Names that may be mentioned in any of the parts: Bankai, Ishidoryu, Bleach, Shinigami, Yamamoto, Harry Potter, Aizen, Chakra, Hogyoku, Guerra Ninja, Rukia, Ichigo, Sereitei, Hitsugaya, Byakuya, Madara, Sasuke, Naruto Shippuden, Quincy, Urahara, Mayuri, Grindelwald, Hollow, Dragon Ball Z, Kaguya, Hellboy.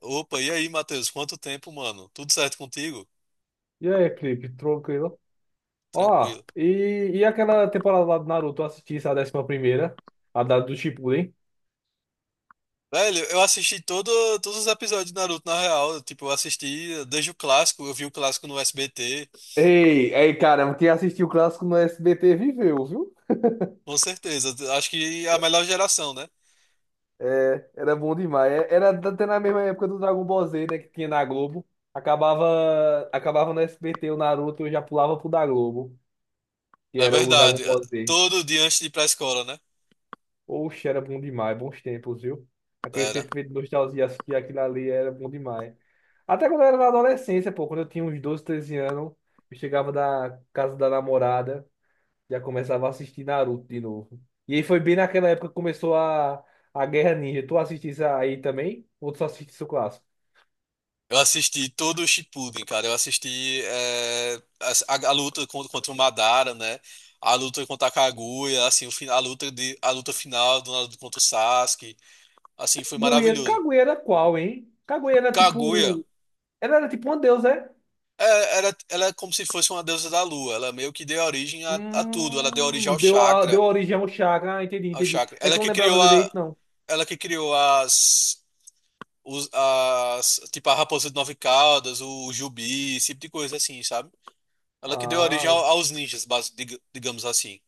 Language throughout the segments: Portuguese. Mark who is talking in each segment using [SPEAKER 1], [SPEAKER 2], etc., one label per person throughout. [SPEAKER 1] Opa, e aí, Matheus? Quanto tempo, mano? Tudo certo contigo?
[SPEAKER 2] E aí, Felipe, tranquilo? Ó,
[SPEAKER 1] Tranquilo.
[SPEAKER 2] e aquela temporada lá do Naruto, eu assisti essa 11ª, a da do Shippuden.
[SPEAKER 1] Velho, todos os episódios de Naruto, na real. Tipo, eu assisti desde o clássico, eu vi o clássico no SBT,
[SPEAKER 2] Ei, ei, caramba, quem assistiu o clássico no SBT viveu, viu?
[SPEAKER 1] com certeza. Acho que é a melhor geração, né?
[SPEAKER 2] É, era bom demais. Era até na mesma época do Dragon Ball Z, né, que tinha na Globo. Acabava no SBT o Naruto, eu já pulava pro da Globo, que
[SPEAKER 1] Na
[SPEAKER 2] era o Dragon
[SPEAKER 1] verdade,
[SPEAKER 2] Ball Z.
[SPEAKER 1] todo dia antes de ir pra escola, né?
[SPEAKER 2] Oxe, era bom demais, bons tempos, viu? Aquele
[SPEAKER 1] Era.
[SPEAKER 2] sentimento de nostalgia, assistir aquilo ali era bom demais. Até quando eu era na adolescência, pô, quando eu tinha uns 12, 13 anos, eu chegava da casa da namorada, já começava a assistir Naruto de novo. E aí foi bem naquela época que começou a Guerra Ninja. Tu assistisse aí também? Ou tu só assistisse o clássico?
[SPEAKER 1] Eu assisti todo o Shippuden, cara. Eu assisti a luta contra, contra o Madara, né? A luta contra a Kaguya, assim, o, fi- a luta de, a luta final do Naruto contra o Sasuke. Assim, foi
[SPEAKER 2] Kaguya,
[SPEAKER 1] maravilhoso.
[SPEAKER 2] Kaguya era qual, hein? Kaguya era
[SPEAKER 1] Kaguya
[SPEAKER 2] tipo. Ela era tipo uma deusa, é?
[SPEAKER 1] é, era, ela é como se fosse uma deusa da lua. Ela meio que deu origem a tudo. Ela deu origem ao
[SPEAKER 2] Deu
[SPEAKER 1] chakra,
[SPEAKER 2] origem ao Chakra. Ah, entendi,
[SPEAKER 1] ao
[SPEAKER 2] entendi.
[SPEAKER 1] chakra.
[SPEAKER 2] É que eu não lembrava direito, não.
[SPEAKER 1] Ela que criou as tipo a raposa de nove caudas, o jubi, esse tipo de coisa assim, sabe? Ela que deu origem
[SPEAKER 2] Ah,
[SPEAKER 1] aos ninjas, digamos assim.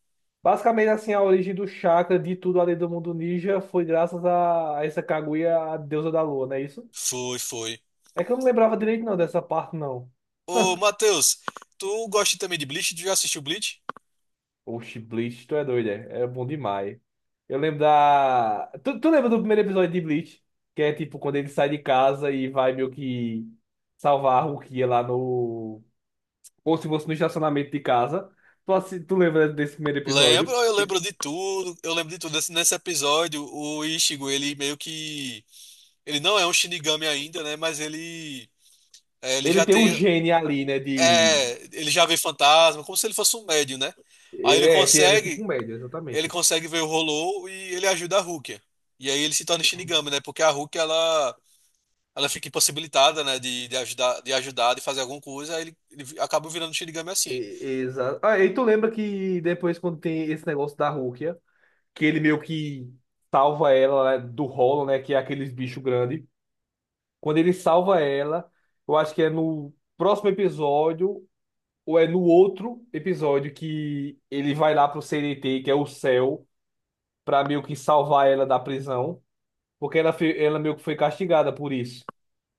[SPEAKER 2] basicamente assim, a origem do chakra de tudo além do mundo ninja foi graças a essa Kaguya, a deusa da lua, não é isso?
[SPEAKER 1] Foi, foi.
[SPEAKER 2] É que eu não lembrava direito não dessa parte não.
[SPEAKER 1] Ô, Matheus, tu gosta também de Bleach? Tu já assistiu Bleach?
[SPEAKER 2] Oxi, Bleach, tu é doido, é? É bom demais. Eu lembro da... Tu lembra do primeiro episódio de Bleach? Que é tipo quando ele sai de casa e vai meio que salvar a Rukia lá no... Ou se fosse no estacionamento de casa. Tu lembra desse primeiro
[SPEAKER 1] Lembro,
[SPEAKER 2] episódio?
[SPEAKER 1] eu
[SPEAKER 2] Ele
[SPEAKER 1] lembro de tudo. Eu lembro de tudo. Nesse episódio, o Ichigo, ele meio que ele não é um Shinigami ainda, né? Mas ele, é, ele
[SPEAKER 2] ele
[SPEAKER 1] já
[SPEAKER 2] tem um
[SPEAKER 1] tem.
[SPEAKER 2] gene ali, né, de...
[SPEAKER 1] É, ele já vê fantasma, como se ele fosse um médium, né? Aí ele
[SPEAKER 2] É, era tipo
[SPEAKER 1] consegue.
[SPEAKER 2] um médio,
[SPEAKER 1] Ele
[SPEAKER 2] exatamente.
[SPEAKER 1] consegue ver o Hollow e ele ajuda a Rukia. E aí ele se torna
[SPEAKER 2] Uhum.
[SPEAKER 1] Shinigami, né? Porque a Rukia, ela fica impossibilitada, né? De fazer alguma coisa. Aí ele acaba virando Shinigami assim.
[SPEAKER 2] Exato. Ah, e tu lembra que depois, quando tem esse negócio da Rukia, que ele meio que salva ela né, do rolo, né? Que é aqueles bichos grandes. Quando ele salva ela, eu acho que é no próximo episódio, ou é no outro episódio, que ele vai lá pro CNT, que é o céu, pra meio que salvar ela da prisão. Porque ela, ela meio que foi castigada por isso.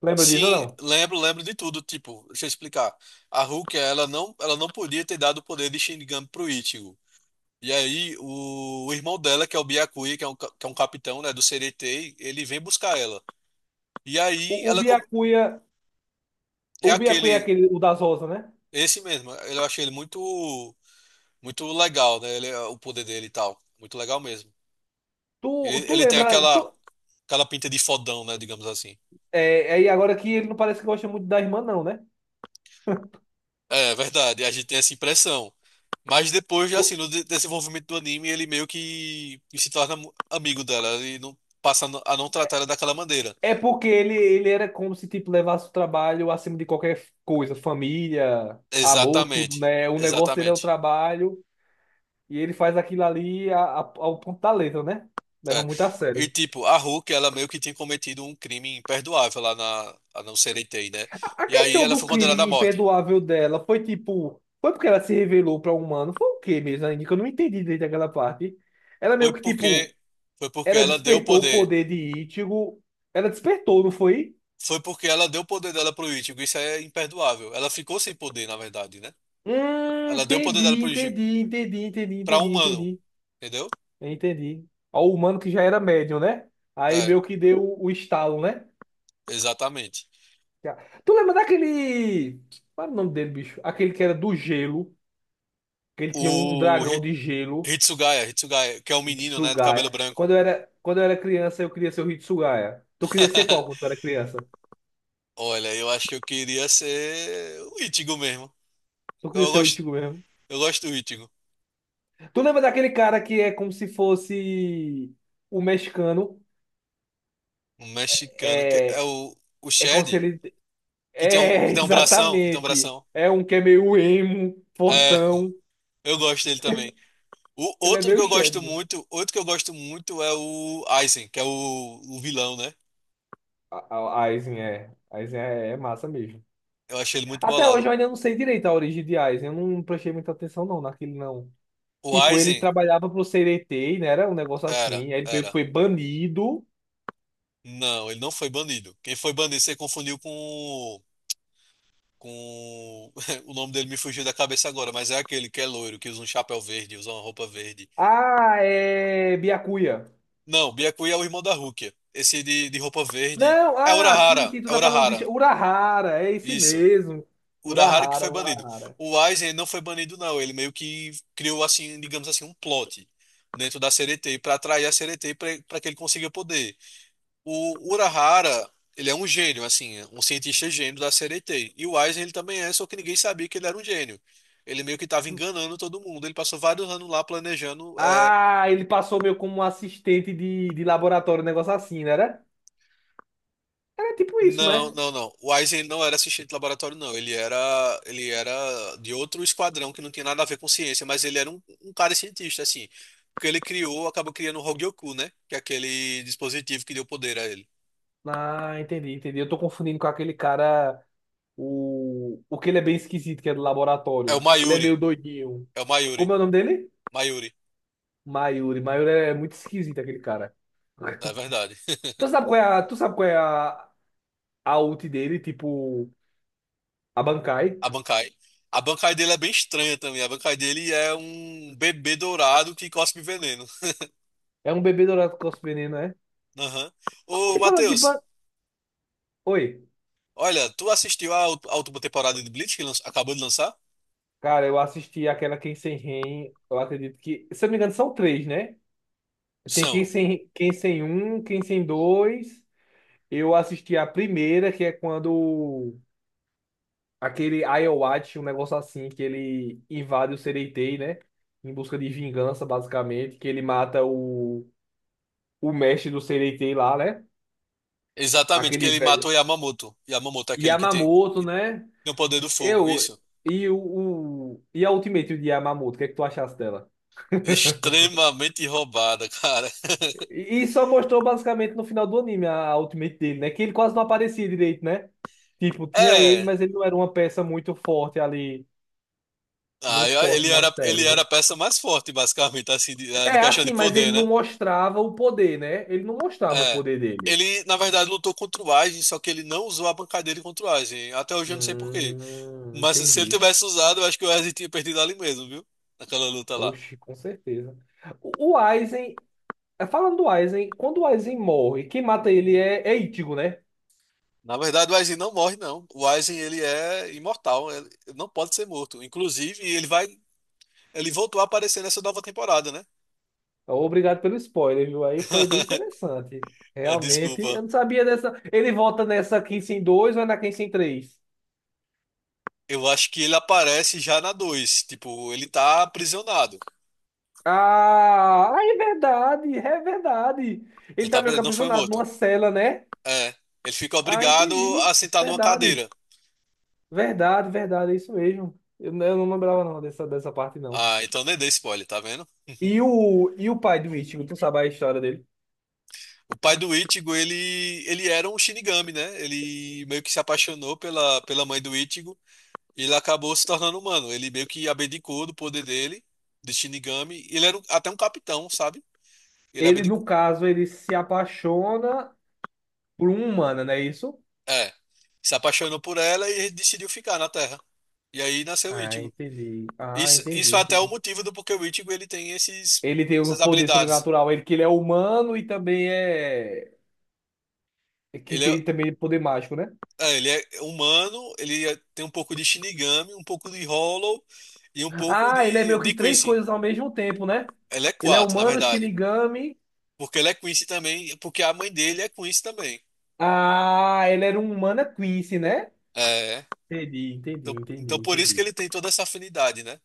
[SPEAKER 2] Lembra disso ou
[SPEAKER 1] Sim,
[SPEAKER 2] não?
[SPEAKER 1] lembro, lembro de tudo. Tipo, deixa eu explicar. A Rukia, ela não podia ter dado o poder de Shinigami pro Ichigo. E aí, o irmão dela, que é o Byakuya, que é que é um capitão, né, do CDT, ele vem buscar ela. E aí,
[SPEAKER 2] O
[SPEAKER 1] ela com-
[SPEAKER 2] Byakuya,
[SPEAKER 1] é
[SPEAKER 2] o Byakuya é
[SPEAKER 1] aquele,
[SPEAKER 2] aquele, o das rosas, né?
[SPEAKER 1] esse mesmo. Eu achei ele muito, muito legal, né? Ele, é, o poder dele e tal. Muito legal mesmo.
[SPEAKER 2] Tu,
[SPEAKER 1] Ele,
[SPEAKER 2] tu
[SPEAKER 1] ele tem
[SPEAKER 2] lembra.
[SPEAKER 1] aquela, aquela pinta de fodão, né, digamos assim.
[SPEAKER 2] É, aí agora que ele não parece que gosta muito da irmã, não, né?
[SPEAKER 1] É, verdade. A gente tem essa impressão. Mas depois,
[SPEAKER 2] Co-
[SPEAKER 1] assim, no desenvolvimento do anime, ele meio que se torna amigo dela. Ele não passa a não tratar ela daquela maneira.
[SPEAKER 2] É porque ele era como se tipo, levasse o trabalho acima de qualquer coisa, família, amor, tudo,
[SPEAKER 1] Exatamente.
[SPEAKER 2] né? O negócio dele é o
[SPEAKER 1] Exatamente.
[SPEAKER 2] trabalho e ele faz aquilo ali ao ponto da letra, né? Leva
[SPEAKER 1] É.
[SPEAKER 2] muito a
[SPEAKER 1] E
[SPEAKER 2] sério.
[SPEAKER 1] tipo, a Hulk, ela meio que tinha cometido um crime imperdoável lá na, a não ser ET, né?
[SPEAKER 2] A
[SPEAKER 1] E aí
[SPEAKER 2] questão
[SPEAKER 1] ela
[SPEAKER 2] do
[SPEAKER 1] foi condenada à
[SPEAKER 2] crime
[SPEAKER 1] morte.
[SPEAKER 2] imperdoável dela foi tipo. Foi porque ela se revelou para um humano? Foi o quê mesmo, ainda que eu não entendi desde aquela parte. Ela
[SPEAKER 1] Foi
[SPEAKER 2] meio que
[SPEAKER 1] porque
[SPEAKER 2] tipo.
[SPEAKER 1] foi porque
[SPEAKER 2] Ela
[SPEAKER 1] ela deu o
[SPEAKER 2] despertou o
[SPEAKER 1] poder.
[SPEAKER 2] poder de Ichigo. Ela despertou, não foi?
[SPEAKER 1] Foi porque ela deu o poder dela pro Ichigo. Isso é imperdoável. Ela ficou sem poder, na verdade, né? Ela deu o poder dela
[SPEAKER 2] Entendi,
[SPEAKER 1] pro Ichigo
[SPEAKER 2] entendi, entendi, entendi,
[SPEAKER 1] para
[SPEAKER 2] entendi,
[SPEAKER 1] humano,
[SPEAKER 2] entendi.
[SPEAKER 1] entendeu?
[SPEAKER 2] Entendi. Ó, o humano que já era médium, né? Aí
[SPEAKER 1] É,
[SPEAKER 2] meio que deu o estalo, né?
[SPEAKER 1] exatamente.
[SPEAKER 2] Já. Tu lembra daquele. Qual era o nome dele, bicho? Aquele que era do gelo. Que ele tinha um
[SPEAKER 1] O
[SPEAKER 2] dragão
[SPEAKER 1] Hi-
[SPEAKER 2] de gelo.
[SPEAKER 1] Hitsugaya, Hitsugaya, que é o menino, né, de cabelo
[SPEAKER 2] Hitsugaya. Quando
[SPEAKER 1] branco.
[SPEAKER 2] eu era, quando eu era criança, eu queria ser o Hitsugaya. Tu queria ser qual quando tu era criança?
[SPEAKER 1] Olha, eu acho que eu queria ser o Ichigo mesmo.
[SPEAKER 2] Tu queria
[SPEAKER 1] Eu
[SPEAKER 2] ser o
[SPEAKER 1] gosto,
[SPEAKER 2] Ichigo mesmo?
[SPEAKER 1] eu gosto do Ichigo.
[SPEAKER 2] Tu lembra daquele cara que é como se fosse o mexicano?
[SPEAKER 1] Um mexicano. Que é
[SPEAKER 2] É,
[SPEAKER 1] o
[SPEAKER 2] é como se
[SPEAKER 1] Shed,
[SPEAKER 2] ele.
[SPEAKER 1] que
[SPEAKER 2] É,
[SPEAKER 1] tem um bração, que tem um
[SPEAKER 2] exatamente.
[SPEAKER 1] bração.
[SPEAKER 2] É um que é meio emo,
[SPEAKER 1] É,
[SPEAKER 2] fortão.
[SPEAKER 1] eu gosto dele também. O
[SPEAKER 2] Ele é
[SPEAKER 1] outro que
[SPEAKER 2] meio
[SPEAKER 1] eu
[SPEAKER 2] Chad.
[SPEAKER 1] gosto muito, outro que eu gosto muito é o Aizen, que é o vilão, né?
[SPEAKER 2] Aizen é. Aizen é massa mesmo.
[SPEAKER 1] Eu achei ele muito
[SPEAKER 2] Até
[SPEAKER 1] bolado.
[SPEAKER 2] hoje eu ainda não sei direito a origem de Aizen. Eu não prestei muita atenção não naquele não.
[SPEAKER 1] O
[SPEAKER 2] Tipo, ele
[SPEAKER 1] Aizen
[SPEAKER 2] trabalhava pro CDT, né? Era um negócio
[SPEAKER 1] era,
[SPEAKER 2] assim. Aí ele meio que
[SPEAKER 1] era.
[SPEAKER 2] foi banido.
[SPEAKER 1] Não, ele não foi banido. Quem foi banido, você confundiu com o- com o nome dele me fugiu da cabeça agora, mas é aquele que é loiro, que usa um chapéu verde, usa uma roupa verde.
[SPEAKER 2] Ah, é Byakuya.
[SPEAKER 1] Não, Byakuya é o irmão da Rukia. Esse de roupa verde
[SPEAKER 2] Não,
[SPEAKER 1] é
[SPEAKER 2] ah, sim,
[SPEAKER 1] Urahara,
[SPEAKER 2] sim, tu
[SPEAKER 1] é
[SPEAKER 2] tá falando de
[SPEAKER 1] Urahara.
[SPEAKER 2] Urahara, é esse
[SPEAKER 1] Isso.
[SPEAKER 2] mesmo.
[SPEAKER 1] Urahara que foi
[SPEAKER 2] Urahara,
[SPEAKER 1] banido.
[SPEAKER 2] Urahara.
[SPEAKER 1] O Aizen não foi banido, não. Ele meio que criou, assim, digamos assim, um plot dentro da CDT para atrair a CDT para que ele consiga poder. O Urahara, ele é um gênio, assim, um cientista gênio da CDT. E o Aizen, ele também é, só que ninguém sabia que ele era um gênio. Ele meio que estava enganando todo mundo. Ele passou vários anos lá planejando.
[SPEAKER 2] Ah, ele passou meio como um assistente de, laboratório, um negócio assim, né? Era tipo isso,
[SPEAKER 1] Não,
[SPEAKER 2] né?
[SPEAKER 1] não, não. O Aizen não era assistente de laboratório, não. Ele era de outro esquadrão que não tinha nada a ver com ciência, mas ele era um cara cientista, assim. Porque ele criou, acabou criando o Hogyoku, né? Que é aquele dispositivo que deu poder a ele.
[SPEAKER 2] Ah, entendi, entendi. Eu tô confundindo com aquele cara, o que ele é bem esquisito, que é do
[SPEAKER 1] É o
[SPEAKER 2] laboratório. Ele é meio
[SPEAKER 1] Mayuri.
[SPEAKER 2] doidinho.
[SPEAKER 1] É o Mayuri.
[SPEAKER 2] Como é o nome dele?
[SPEAKER 1] Mayuri,
[SPEAKER 2] Mayuri. Mayuri é muito esquisito, aquele cara.
[SPEAKER 1] é verdade.
[SPEAKER 2] Tu sabe qual é a ult dele, tipo, a Bankai?
[SPEAKER 1] A Bankai. A Bankai dele é bem estranha também. A Bankai dele é um bebê dourado que cospe veneno.
[SPEAKER 2] É um bebê dourado com veneno, é?
[SPEAKER 1] Aham. Ô,
[SPEAKER 2] E falando de ban...
[SPEAKER 1] Matheus,
[SPEAKER 2] Oi,
[SPEAKER 1] olha, tu assistiu à última temporada de Bleach que acabou de lançar?
[SPEAKER 2] cara, eu assisti aquela Quem Sem Ren, eu acredito que, se eu não me engano, são três, né? Tem Quem
[SPEAKER 1] São.
[SPEAKER 2] Sem, Quem Sem Um, Quem Sem Dois. Eu assisti a primeira, que é quando aquele Ayoachi, um negócio assim, que ele invade o Sereitei, né? Em busca de vingança, basicamente, que ele mata o, mestre do Sereitei lá, né?
[SPEAKER 1] Exatamente, que
[SPEAKER 2] Aquele
[SPEAKER 1] ele mata
[SPEAKER 2] velho.
[SPEAKER 1] o Yamamoto. Yamamoto é aquele
[SPEAKER 2] Yamamoto,
[SPEAKER 1] que
[SPEAKER 2] né?
[SPEAKER 1] tem o poder do fogo,
[SPEAKER 2] Eu.
[SPEAKER 1] isso.
[SPEAKER 2] E o, E a Ultimate de Yamamoto, o que é que tu achaste dela?
[SPEAKER 1] Extremamente roubada, cara.
[SPEAKER 2] E só mostrou basicamente no final do anime a Ultimate dele, né? Que ele quase não aparecia direito, né? Tipo, tinha ele,
[SPEAKER 1] É.
[SPEAKER 2] mas ele não era uma peça muito forte ali,
[SPEAKER 1] Ah,
[SPEAKER 2] muito forte na série,
[SPEAKER 1] ele era
[SPEAKER 2] né?
[SPEAKER 1] a peça mais forte, basicamente, assim, de, ah, em
[SPEAKER 2] É
[SPEAKER 1] questão de
[SPEAKER 2] assim, mas ele
[SPEAKER 1] poder, né?
[SPEAKER 2] não mostrava o poder, né? Ele não mostrava o
[SPEAKER 1] É.
[SPEAKER 2] poder dele.
[SPEAKER 1] Ele, na verdade, lutou contra o Aizen, só que ele não usou a bancadeira contra o Aizen. Até hoje eu não sei por quê. Mas se ele
[SPEAKER 2] Entendi.
[SPEAKER 1] tivesse usado, eu acho que o Aizen tinha perdido ali mesmo, viu? Naquela luta lá.
[SPEAKER 2] Oxi, com certeza. O Aizen, falando do Aizen, quando o Aizen morre, quem mata ele é Ichigo, né?
[SPEAKER 1] Na verdade, o Aizen não morre, não. O Aizen, ele é imortal. Ele não pode ser morto. Inclusive, ele vai ele voltou a aparecer nessa nova temporada, né?
[SPEAKER 2] Obrigado pelo spoiler, viu? Aí foi bem interessante.
[SPEAKER 1] Ah,
[SPEAKER 2] Realmente,
[SPEAKER 1] desculpa.
[SPEAKER 2] eu não sabia dessa. Ele volta nessa 15 em 2 ou é na 15 em três
[SPEAKER 1] Eu acho que ele aparece já na dois. Tipo, ele tá aprisionado.
[SPEAKER 2] Ah, ah, é verdade, é verdade.
[SPEAKER 1] Ele
[SPEAKER 2] Ele
[SPEAKER 1] tá
[SPEAKER 2] tá meio que
[SPEAKER 1] aprisionado, não foi
[SPEAKER 2] aprisionado
[SPEAKER 1] morto.
[SPEAKER 2] numa cela, né?
[SPEAKER 1] É. Ele fica
[SPEAKER 2] Ah,
[SPEAKER 1] obrigado
[SPEAKER 2] entendi.
[SPEAKER 1] a sentar numa
[SPEAKER 2] Verdade,
[SPEAKER 1] cadeira.
[SPEAKER 2] verdade, verdade, é isso mesmo. Eu não lembrava não dessa, parte, não.
[SPEAKER 1] Ah, então nem dei spoiler, tá vendo?
[SPEAKER 2] E o pai do Ichigo, tu sabe a história dele?
[SPEAKER 1] O pai do Ichigo, ele era um Shinigami, né? Ele meio que se apaixonou pela, pela mãe do Ichigo e ele acabou se tornando humano. Ele meio que abdicou do poder dele, de Shinigami. Ele era um- até um capitão, sabe? Ele
[SPEAKER 2] Ele,
[SPEAKER 1] abdi-
[SPEAKER 2] no caso, ele se apaixona por uma humano, não é isso?
[SPEAKER 1] é, se apaixonou por ela e decidiu ficar na Terra. E aí nasceu o
[SPEAKER 2] Ah,
[SPEAKER 1] Ichigo.
[SPEAKER 2] entendi. Ah,
[SPEAKER 1] Isso,
[SPEAKER 2] entendi,
[SPEAKER 1] isso é até o
[SPEAKER 2] entendi.
[SPEAKER 1] motivo do porquê o Ichigo
[SPEAKER 2] Ele tem o
[SPEAKER 1] essas
[SPEAKER 2] poder
[SPEAKER 1] habilidades.
[SPEAKER 2] sobrenatural, ele que ele é humano e também é que
[SPEAKER 1] Ele é,
[SPEAKER 2] tem também poder mágico, né?
[SPEAKER 1] é, ele é humano, ele é- tem um pouco de Shinigami, um pouco de Hollow e um pouco
[SPEAKER 2] Ah, ele é meio que
[SPEAKER 1] de
[SPEAKER 2] três
[SPEAKER 1] Quincy.
[SPEAKER 2] coisas ao mesmo tempo, né?
[SPEAKER 1] Ele é
[SPEAKER 2] Ele é
[SPEAKER 1] quatro, na
[SPEAKER 2] humano,
[SPEAKER 1] verdade.
[SPEAKER 2] Shinigami.
[SPEAKER 1] Porque ele é Quincy também, porque a mãe dele é Quincy também.
[SPEAKER 2] Ah, ele era um humano é Quincy, né?
[SPEAKER 1] É.
[SPEAKER 2] Entendi, entendi,
[SPEAKER 1] Então,
[SPEAKER 2] entendi,
[SPEAKER 1] então por isso que
[SPEAKER 2] entendi.
[SPEAKER 1] ele tem toda essa afinidade, né?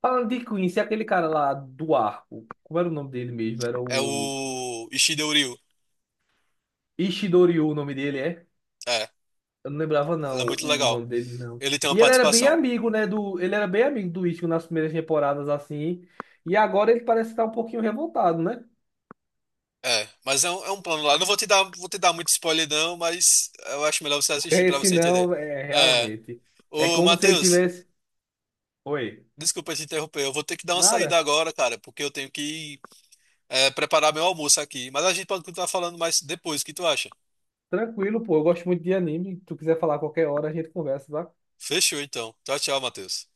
[SPEAKER 2] Falando de Quincy, aquele cara lá do arco, como era o nome dele mesmo? Era
[SPEAKER 1] É
[SPEAKER 2] o
[SPEAKER 1] o Ishidouril.
[SPEAKER 2] Ishidoryu, o nome dele é?
[SPEAKER 1] É,
[SPEAKER 2] Eu não lembrava,
[SPEAKER 1] ela é
[SPEAKER 2] não,
[SPEAKER 1] muito
[SPEAKER 2] o
[SPEAKER 1] legal.
[SPEAKER 2] nome dele, não.
[SPEAKER 1] Ele tem uma
[SPEAKER 2] E ele era bem
[SPEAKER 1] participação.
[SPEAKER 2] amigo, né? Ele era bem amigo do Ichigo nas primeiras temporadas, assim. E agora ele parece estar um pouquinho revoltado, né?
[SPEAKER 1] É, mas é um plano lá. Não vou te dar, vou te dar muito spoiler, não, mas eu acho melhor você
[SPEAKER 2] Porque
[SPEAKER 1] assistir pra
[SPEAKER 2] esse
[SPEAKER 1] você entender.
[SPEAKER 2] não, é
[SPEAKER 1] É,
[SPEAKER 2] realmente. É
[SPEAKER 1] ô,
[SPEAKER 2] como se ele
[SPEAKER 1] Matheus,
[SPEAKER 2] tivesse. Oi.
[SPEAKER 1] desculpa te interromper. Eu vou ter que dar uma saída
[SPEAKER 2] Nada.
[SPEAKER 1] agora, cara, porque eu tenho que preparar meu almoço aqui. Mas a gente pode continuar falando mais depois. O que tu acha?
[SPEAKER 2] Tranquilo, pô. Eu gosto muito de anime. Se tu quiser falar a qualquer hora, a gente conversa, tá?
[SPEAKER 1] Fechou, então. Tchau, tchau, Matheus.